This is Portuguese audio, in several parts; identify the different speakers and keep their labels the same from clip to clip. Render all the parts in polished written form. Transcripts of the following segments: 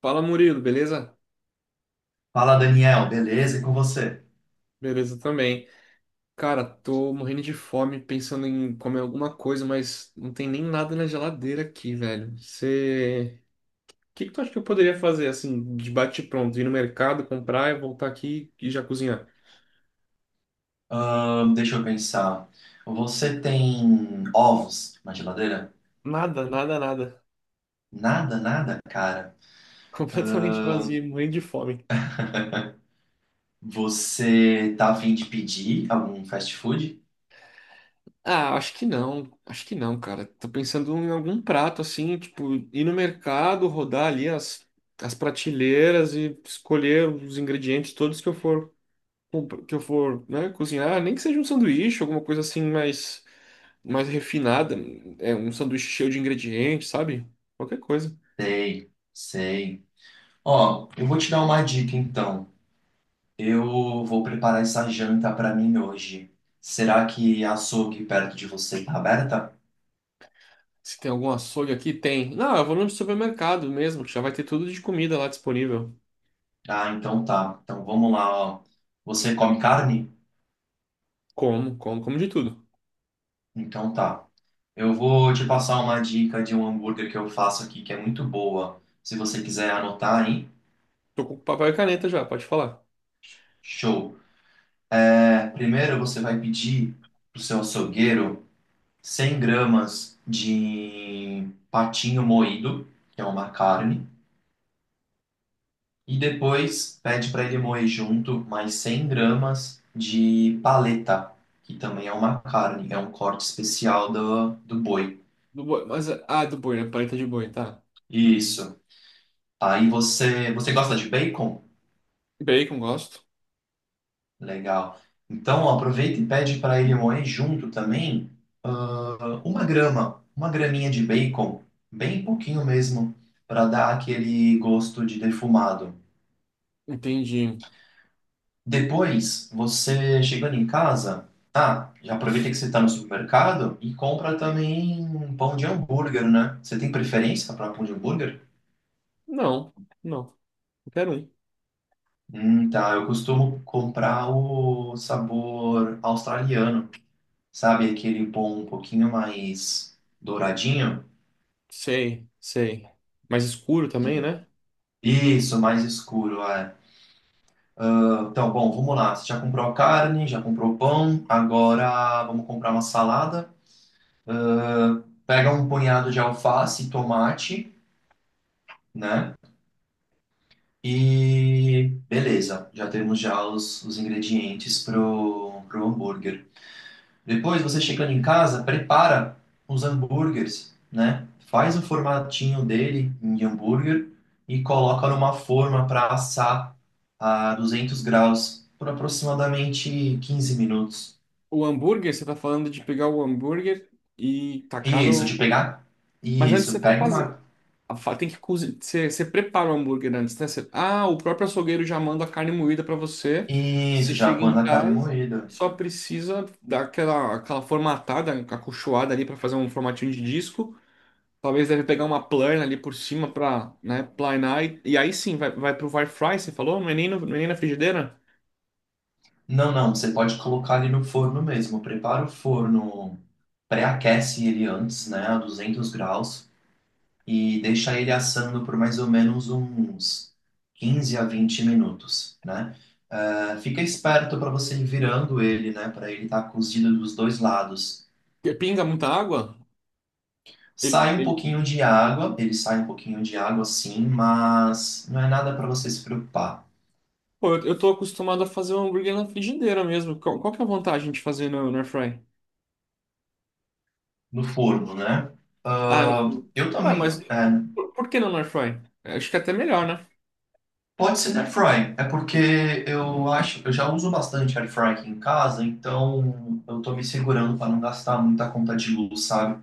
Speaker 1: Fala Murilo, beleza?
Speaker 2: Fala, Daniel, beleza? E com você?
Speaker 1: Beleza também. Cara, tô morrendo de fome, pensando em comer alguma coisa, mas não tem nem nada na geladeira aqui, velho. Você. O que que tu acha que eu poderia fazer, assim, de bate-pronto? Ir no mercado, comprar e voltar aqui e já cozinhar?
Speaker 2: Deixa eu pensar. Você tem ovos na geladeira?
Speaker 1: Nada, nada, nada.
Speaker 2: Nada, nada, cara.
Speaker 1: Completamente vazio, morrendo de fome.
Speaker 2: Você tá a fim de pedir algum fast food?
Speaker 1: Ah, acho que não. Acho que não, cara. Tô pensando em algum prato, assim, tipo, ir no mercado, rodar ali as prateleiras e escolher os ingredientes todos que eu for. Que eu for, né, cozinhar, nem que seja um sanduíche, alguma coisa assim mais, mais refinada, é um sanduíche cheio de ingredientes, sabe? Qualquer coisa.
Speaker 2: Sei, sei. Ó, eu vou te dar uma dica então. Eu vou preparar essa janta pra mim hoje. Será que a açougue perto de você tá aberta?
Speaker 1: Se tem algum açougue aqui, tem. Não, eu vou no supermercado mesmo, que já vai ter tudo de comida lá disponível.
Speaker 2: Ah, então tá. Então vamos lá, ó. Você come carne?
Speaker 1: Como, como, como de tudo.
Speaker 2: Então tá. Eu vou te passar uma dica de um hambúrguer que eu faço aqui que é muito boa. Se você quiser anotar, hein?
Speaker 1: Tô com papel e caneta já, pode falar.
Speaker 2: Show! É, primeiro você vai pedir pro seu açougueiro 100 gramas de patinho moído, que é uma carne, e depois pede para ele moer junto mais 100 gramas de paleta, que também é uma carne, é um corte especial do boi.
Speaker 1: Do boi, mas, ah, do boi, né? Paleta de boi, tá.
Speaker 2: Isso. Aí você, você gosta de bacon?
Speaker 1: Bacon, gosto.
Speaker 2: Legal. Então, aproveita e pede para ele moer junto também uma grama, uma graminha de bacon, bem pouquinho mesmo, para dar aquele gosto de defumado.
Speaker 1: Entendi.
Speaker 2: Depois, você chegando em casa, ah, já aproveita que você está no supermercado e compra também um pão de hambúrguer, né? Você tem preferência para pão de hambúrguer?
Speaker 1: Não, não. Quero um.
Speaker 2: Tá. Eu costumo comprar o sabor australiano, sabe? Aquele pão um pouquinho mais douradinho.
Speaker 1: Sei, sei. Mais escuro também,
Speaker 2: Sim.
Speaker 1: né?
Speaker 2: Isso, mais escuro, é. Então, bom, vamos lá. Você já comprou a carne, já comprou o pão, agora vamos comprar uma salada. Pega um punhado de alface e tomate, né? E beleza, já temos já os ingredientes pro hambúrguer. Depois, você chegando em casa, prepara os hambúrgueres, né? Faz o formatinho dele em hambúrguer e coloca numa forma para assar a 200 graus por aproximadamente 15 minutos.
Speaker 1: O hambúrguer, você tá falando de pegar o hambúrguer e tacar
Speaker 2: Isso,
Speaker 1: no.
Speaker 2: de pegar?
Speaker 1: Mas antes você
Speaker 2: Isso,
Speaker 1: vai
Speaker 2: pega
Speaker 1: fazer.
Speaker 2: uma.
Speaker 1: Tem que cozinhar. Você prepara o hambúrguer antes, né? Você... Ah, o próprio açougueiro já manda a carne moída pra você. Você
Speaker 2: Isso, já
Speaker 1: chega em
Speaker 2: manda a carne
Speaker 1: casa,
Speaker 2: moída.
Speaker 1: só precisa dar aquela, aquela formatada, acolchoada ali pra fazer um formatinho de disco. Talvez deve pegar uma plana ali por cima pra, né, planar. E aí sim, vai, vai pro air fry, você falou? Não é nem, não é nem na frigideira?
Speaker 2: Não, não, você pode colocar ele no forno mesmo. Prepara o forno, pré-aquece ele antes, né, a 200 graus. E deixar ele assando por mais ou menos uns 15 a 20 minutos, né? Ah, fica esperto para você ir virando ele, né? Para ele estar cozido dos dois lados.
Speaker 1: Pinga muita água? Ele,
Speaker 2: Sai um
Speaker 1: ele-
Speaker 2: pouquinho de água, ele sai um pouquinho de água sim, mas não é nada para você se preocupar.
Speaker 1: Pô, eu tô acostumado a fazer um hambúrguer na frigideira mesmo. Qual, qual que é a vantagem de fazer no air fry?
Speaker 2: No forno, né?
Speaker 1: Ah, no...
Speaker 2: Ah,
Speaker 1: forno.
Speaker 2: eu
Speaker 1: Ué,
Speaker 2: também.
Speaker 1: mas
Speaker 2: É,
Speaker 1: por que não no air fry? Acho que é até melhor, né?
Speaker 2: pode ser na air fry, é porque eu acho, eu já uso bastante air fry aqui em casa, então eu tô me segurando para não gastar muita conta de luz, sabe?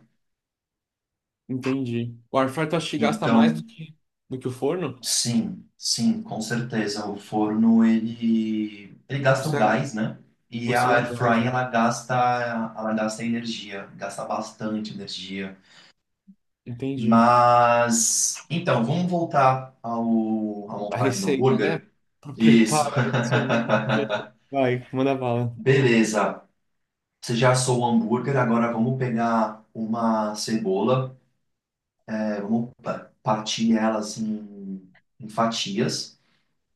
Speaker 1: Entendi. O air fry tu acha que gasta mais
Speaker 2: Então,
Speaker 1: do que o forno?
Speaker 2: sim, sim, com certeza. O forno, ele
Speaker 1: Por
Speaker 2: gasta o
Speaker 1: ser,
Speaker 2: gás, né? E
Speaker 1: por
Speaker 2: a
Speaker 1: ser a
Speaker 2: air
Speaker 1: gás,
Speaker 2: fry,
Speaker 1: né?
Speaker 2: ela gasta energia, gasta bastante energia.
Speaker 1: Entendi.
Speaker 2: Mas, então, vamos voltar ao, à
Speaker 1: A
Speaker 2: montagem do
Speaker 1: receita, né?
Speaker 2: hambúrguer?
Speaker 1: Pra
Speaker 2: Isso.
Speaker 1: preparar esse hambúrguer. Vai, manda bala.
Speaker 2: Beleza. Você já assou o hambúrguer, agora vamos pegar uma cebola, é, partir ela assim em fatias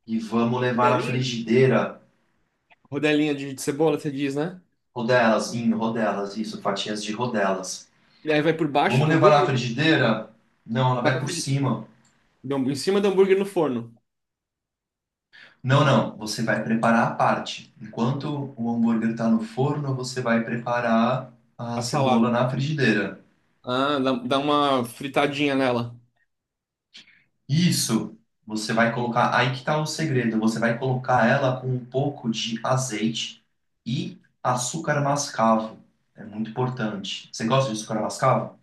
Speaker 2: e vamos levar na
Speaker 1: Rodelinha?
Speaker 2: frigideira.
Speaker 1: Rodelinha de cebola, você diz, né?
Speaker 2: Rodelas, em rodelas, isso, fatias de rodelas.
Speaker 1: E aí vai por baixo
Speaker 2: Vamos
Speaker 1: do
Speaker 2: levar na
Speaker 1: hambúrguer. Sim.
Speaker 2: frigideira? Não, ela
Speaker 1: Vai
Speaker 2: vai
Speaker 1: pra
Speaker 2: por
Speaker 1: frigideira.
Speaker 2: cima.
Speaker 1: Em cima do hambúrguer no forno.
Speaker 2: Não, não, você vai preparar a parte. Enquanto o hambúrguer está no forno, você vai preparar a
Speaker 1: A
Speaker 2: cebola
Speaker 1: salada.
Speaker 2: na frigideira.
Speaker 1: Ah, dá, dá uma fritadinha nela.
Speaker 2: Isso, você vai colocar. Aí que tá o segredo. Você vai colocar ela com um pouco de azeite e açúcar mascavo. É muito importante. Você gosta de açúcar mascavo?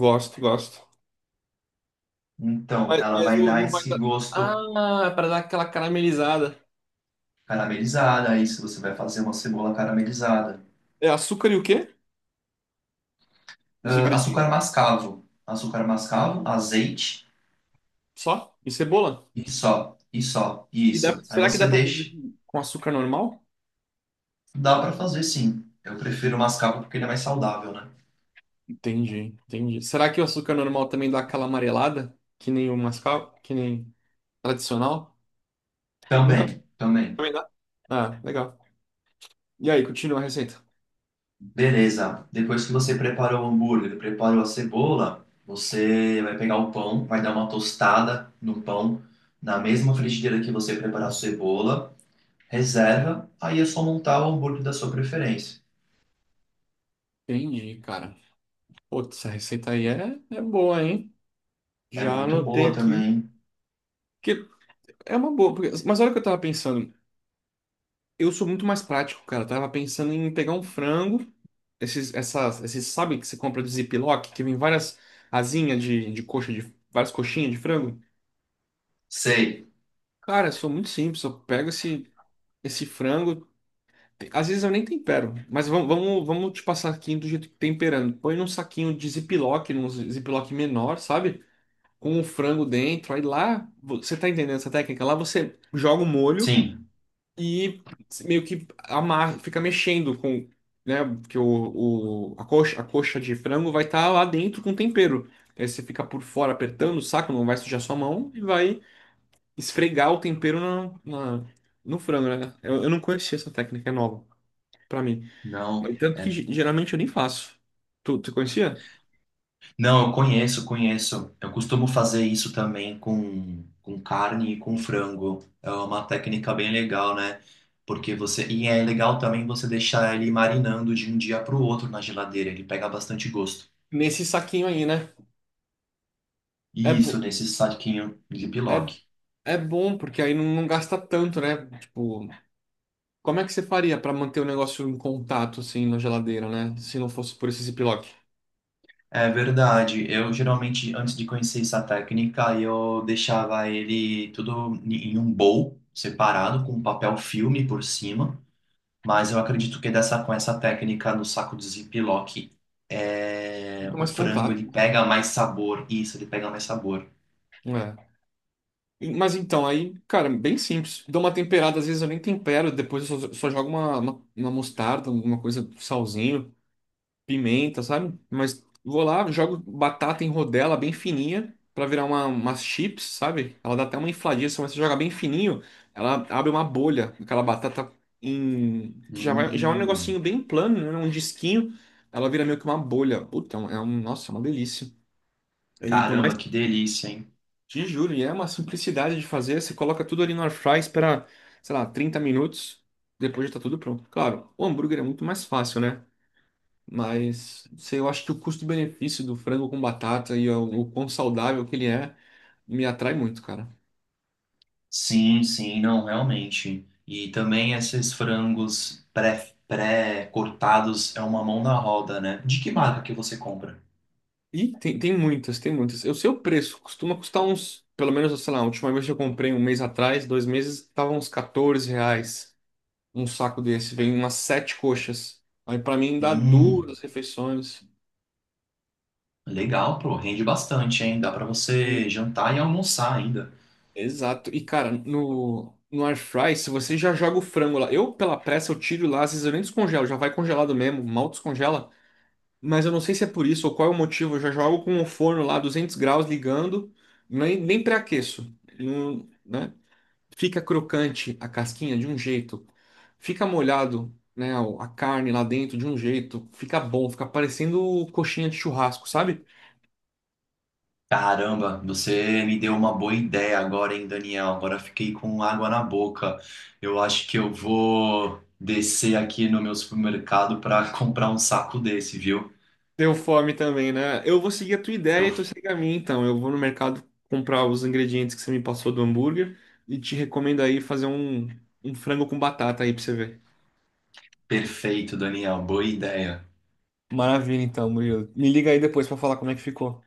Speaker 1: Gosto, gosto.
Speaker 2: Então, ela
Speaker 1: Mas
Speaker 2: vai dar
Speaker 1: não vai
Speaker 2: esse
Speaker 1: dar.
Speaker 2: gosto
Speaker 1: Ah, é pra dar aquela caramelizada.
Speaker 2: caramelizada, aí se você vai fazer uma cebola caramelizada.
Speaker 1: É açúcar e o quê? Os
Speaker 2: Ah,
Speaker 1: ingredientes
Speaker 2: açúcar mascavo. Açúcar mascavo, azeite
Speaker 1: só? E cebola?
Speaker 2: e só, e só, e
Speaker 1: E dá,
Speaker 2: isso. Aí
Speaker 1: será que dá
Speaker 2: você
Speaker 1: pra fazer
Speaker 2: deixa.
Speaker 1: com açúcar normal?
Speaker 2: Dá pra fazer sim. Eu prefiro o mascavo porque ele é mais saudável, né?
Speaker 1: Entendi, entendi. Será que o açúcar normal também dá aquela amarelada? Que nem o mascavo, que nem tradicional? Nunca
Speaker 2: Também, também.
Speaker 1: também dá. Ah, legal. E aí, continua a receita.
Speaker 2: Beleza. Depois que você preparou o hambúrguer, preparou a cebola, você vai pegar o pão, vai dar uma tostada no pão, na mesma frigideira que você preparar a cebola, reserva, aí é só montar o hambúrguer da sua preferência.
Speaker 1: Entendi, cara. Putz, essa receita aí é, é boa, hein?
Speaker 2: É
Speaker 1: Já
Speaker 2: muito
Speaker 1: anotei
Speaker 2: boa
Speaker 1: aqui.
Speaker 2: também.
Speaker 1: Que É uma boa, porque... mas olha o que eu tava pensando. Eu sou muito mais prático, cara. Eu tava pensando em pegar um frango, esses, essas, esses, sabe que você compra de Ziploc, que vem várias asinhas de coxa, de várias coxinhas de frango?
Speaker 2: Sei,
Speaker 1: Cara, eu sou muito simples, eu pego esse, esse frango, às vezes eu nem tempero, mas vamos, vamos, vamos te passar aqui do jeito que temperando. Põe num saquinho de Ziploc, num Ziploc menor, sabe? Com o frango dentro, aí lá, você tá entendendo essa técnica? Lá você joga o molho.
Speaker 2: sim,
Speaker 1: E meio que amar, fica mexendo com, né, porque a coxa de frango vai estar lá dentro com tempero. Aí você fica por fora apertando o saco, não vai sujar sua mão e vai esfregar o tempero na- no frango, né? Eu não conhecia essa técnica, é nova pra mim. Mas
Speaker 2: não.
Speaker 1: tanto que geralmente eu nem faço. Tu, tu conhecia?
Speaker 2: Não, eu conheço, conheço. Eu costumo fazer isso também com carne e com frango. É uma técnica bem legal, né? Porque você. E é legal também você deixar ele marinando de um dia para o outro na geladeira. Ele pega bastante gosto.
Speaker 1: Nesse saquinho aí, né? É, bo
Speaker 2: Isso, nesse saquinho de Ziploc.
Speaker 1: É, é bom, porque aí não, não gasta tanto, né? Tipo, como é que você faria para manter o negócio em contato, assim, na geladeira, né? Se não fosse por esse ziplock?
Speaker 2: É verdade. Eu geralmente, antes de conhecer essa técnica, eu deixava ele tudo em um bowl separado, com papel filme por cima. Mas eu acredito que dessa, com essa técnica no saco de Ziploc, é,
Speaker 1: Muito
Speaker 2: o
Speaker 1: mais
Speaker 2: frango ele
Speaker 1: contato.
Speaker 2: pega mais sabor. Isso, ele pega mais sabor.
Speaker 1: É. E... mas então, aí, cara, bem simples. Dou uma temperada, às vezes eu nem tempero, depois eu só, só jogo uma mostarda, alguma coisa, salzinho, pimenta, sabe? Mas vou lá, jogo batata em rodela bem fininha pra virar uma, umas chips, sabe? Ela dá até uma infladinha, mas você joga bem fininho, ela abre uma bolha, aquela batata em que já vai, já é um
Speaker 2: Hum,
Speaker 1: negocinho bem plano, né? Um disquinho, ela vira meio que uma bolha. Puta, é um, é nossa, é uma delícia. E por mais,
Speaker 2: caramba, que delícia, hein?
Speaker 1: te juro, e é uma simplicidade de fazer, você coloca tudo ali no air fry, espera, sei lá, 30 minutos, depois já tá tudo pronto. Claro, o hambúrguer é muito mais fácil, né? Mas sei, eu acho que o custo-benefício do frango com batata e o quão saudável que ele é me atrai muito, cara.
Speaker 2: Sim, sim, não, realmente. E também esses frangos pré-cortados é uma mão na roda, né? De que marca que você compra?
Speaker 1: E tem, tem muitas, tem muitas. Eu sei o preço, costuma custar uns, pelo menos, sei lá, a última vez que eu comprei um mês atrás, dois meses, tava uns R$ 14 um saco desse. Vem umas 7 coxas. Aí pra mim dá
Speaker 2: Hum,
Speaker 1: duas refeições.
Speaker 2: legal, pô, rende bastante, hein? Dá pra você
Speaker 1: E...
Speaker 2: jantar e almoçar ainda.
Speaker 1: exato. E, cara, no air fry, se você já joga o frango lá, eu pela pressa eu tiro lá, às vezes eu nem descongelo, já vai congelado mesmo, mal descongela. Mas eu não sei se é por isso ou qual é o motivo. Eu já jogo com o forno lá 200 graus ligando, nem, nem pré-aqueço. Ele não... né? Fica crocante a casquinha de um jeito, fica molhado, né, a carne lá dentro de um jeito, fica bom, fica parecendo coxinha de churrasco, sabe?
Speaker 2: Caramba, você me deu uma boa ideia agora, hein, Daniel? Agora fiquei com água na boca. Eu acho que eu vou descer aqui no meu supermercado para comprar um saco desse, viu?
Speaker 1: Deu fome também, né? Eu vou seguir a tua ideia
Speaker 2: Deu
Speaker 1: e tu segue a minha, então. Eu vou no mercado comprar os ingredientes que você me passou do hambúrguer e te recomendo aí fazer um, um frango com batata aí pra você ver.
Speaker 2: perfeito, Daniel. Boa ideia.
Speaker 1: Maravilha, então, Murilo. Me liga aí depois pra falar como é que ficou.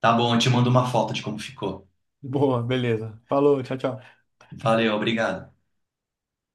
Speaker 2: Tá bom, eu te mando uma foto de como ficou.
Speaker 1: Boa, beleza. Falou, tchau, tchau.
Speaker 2: Valeu, obrigado.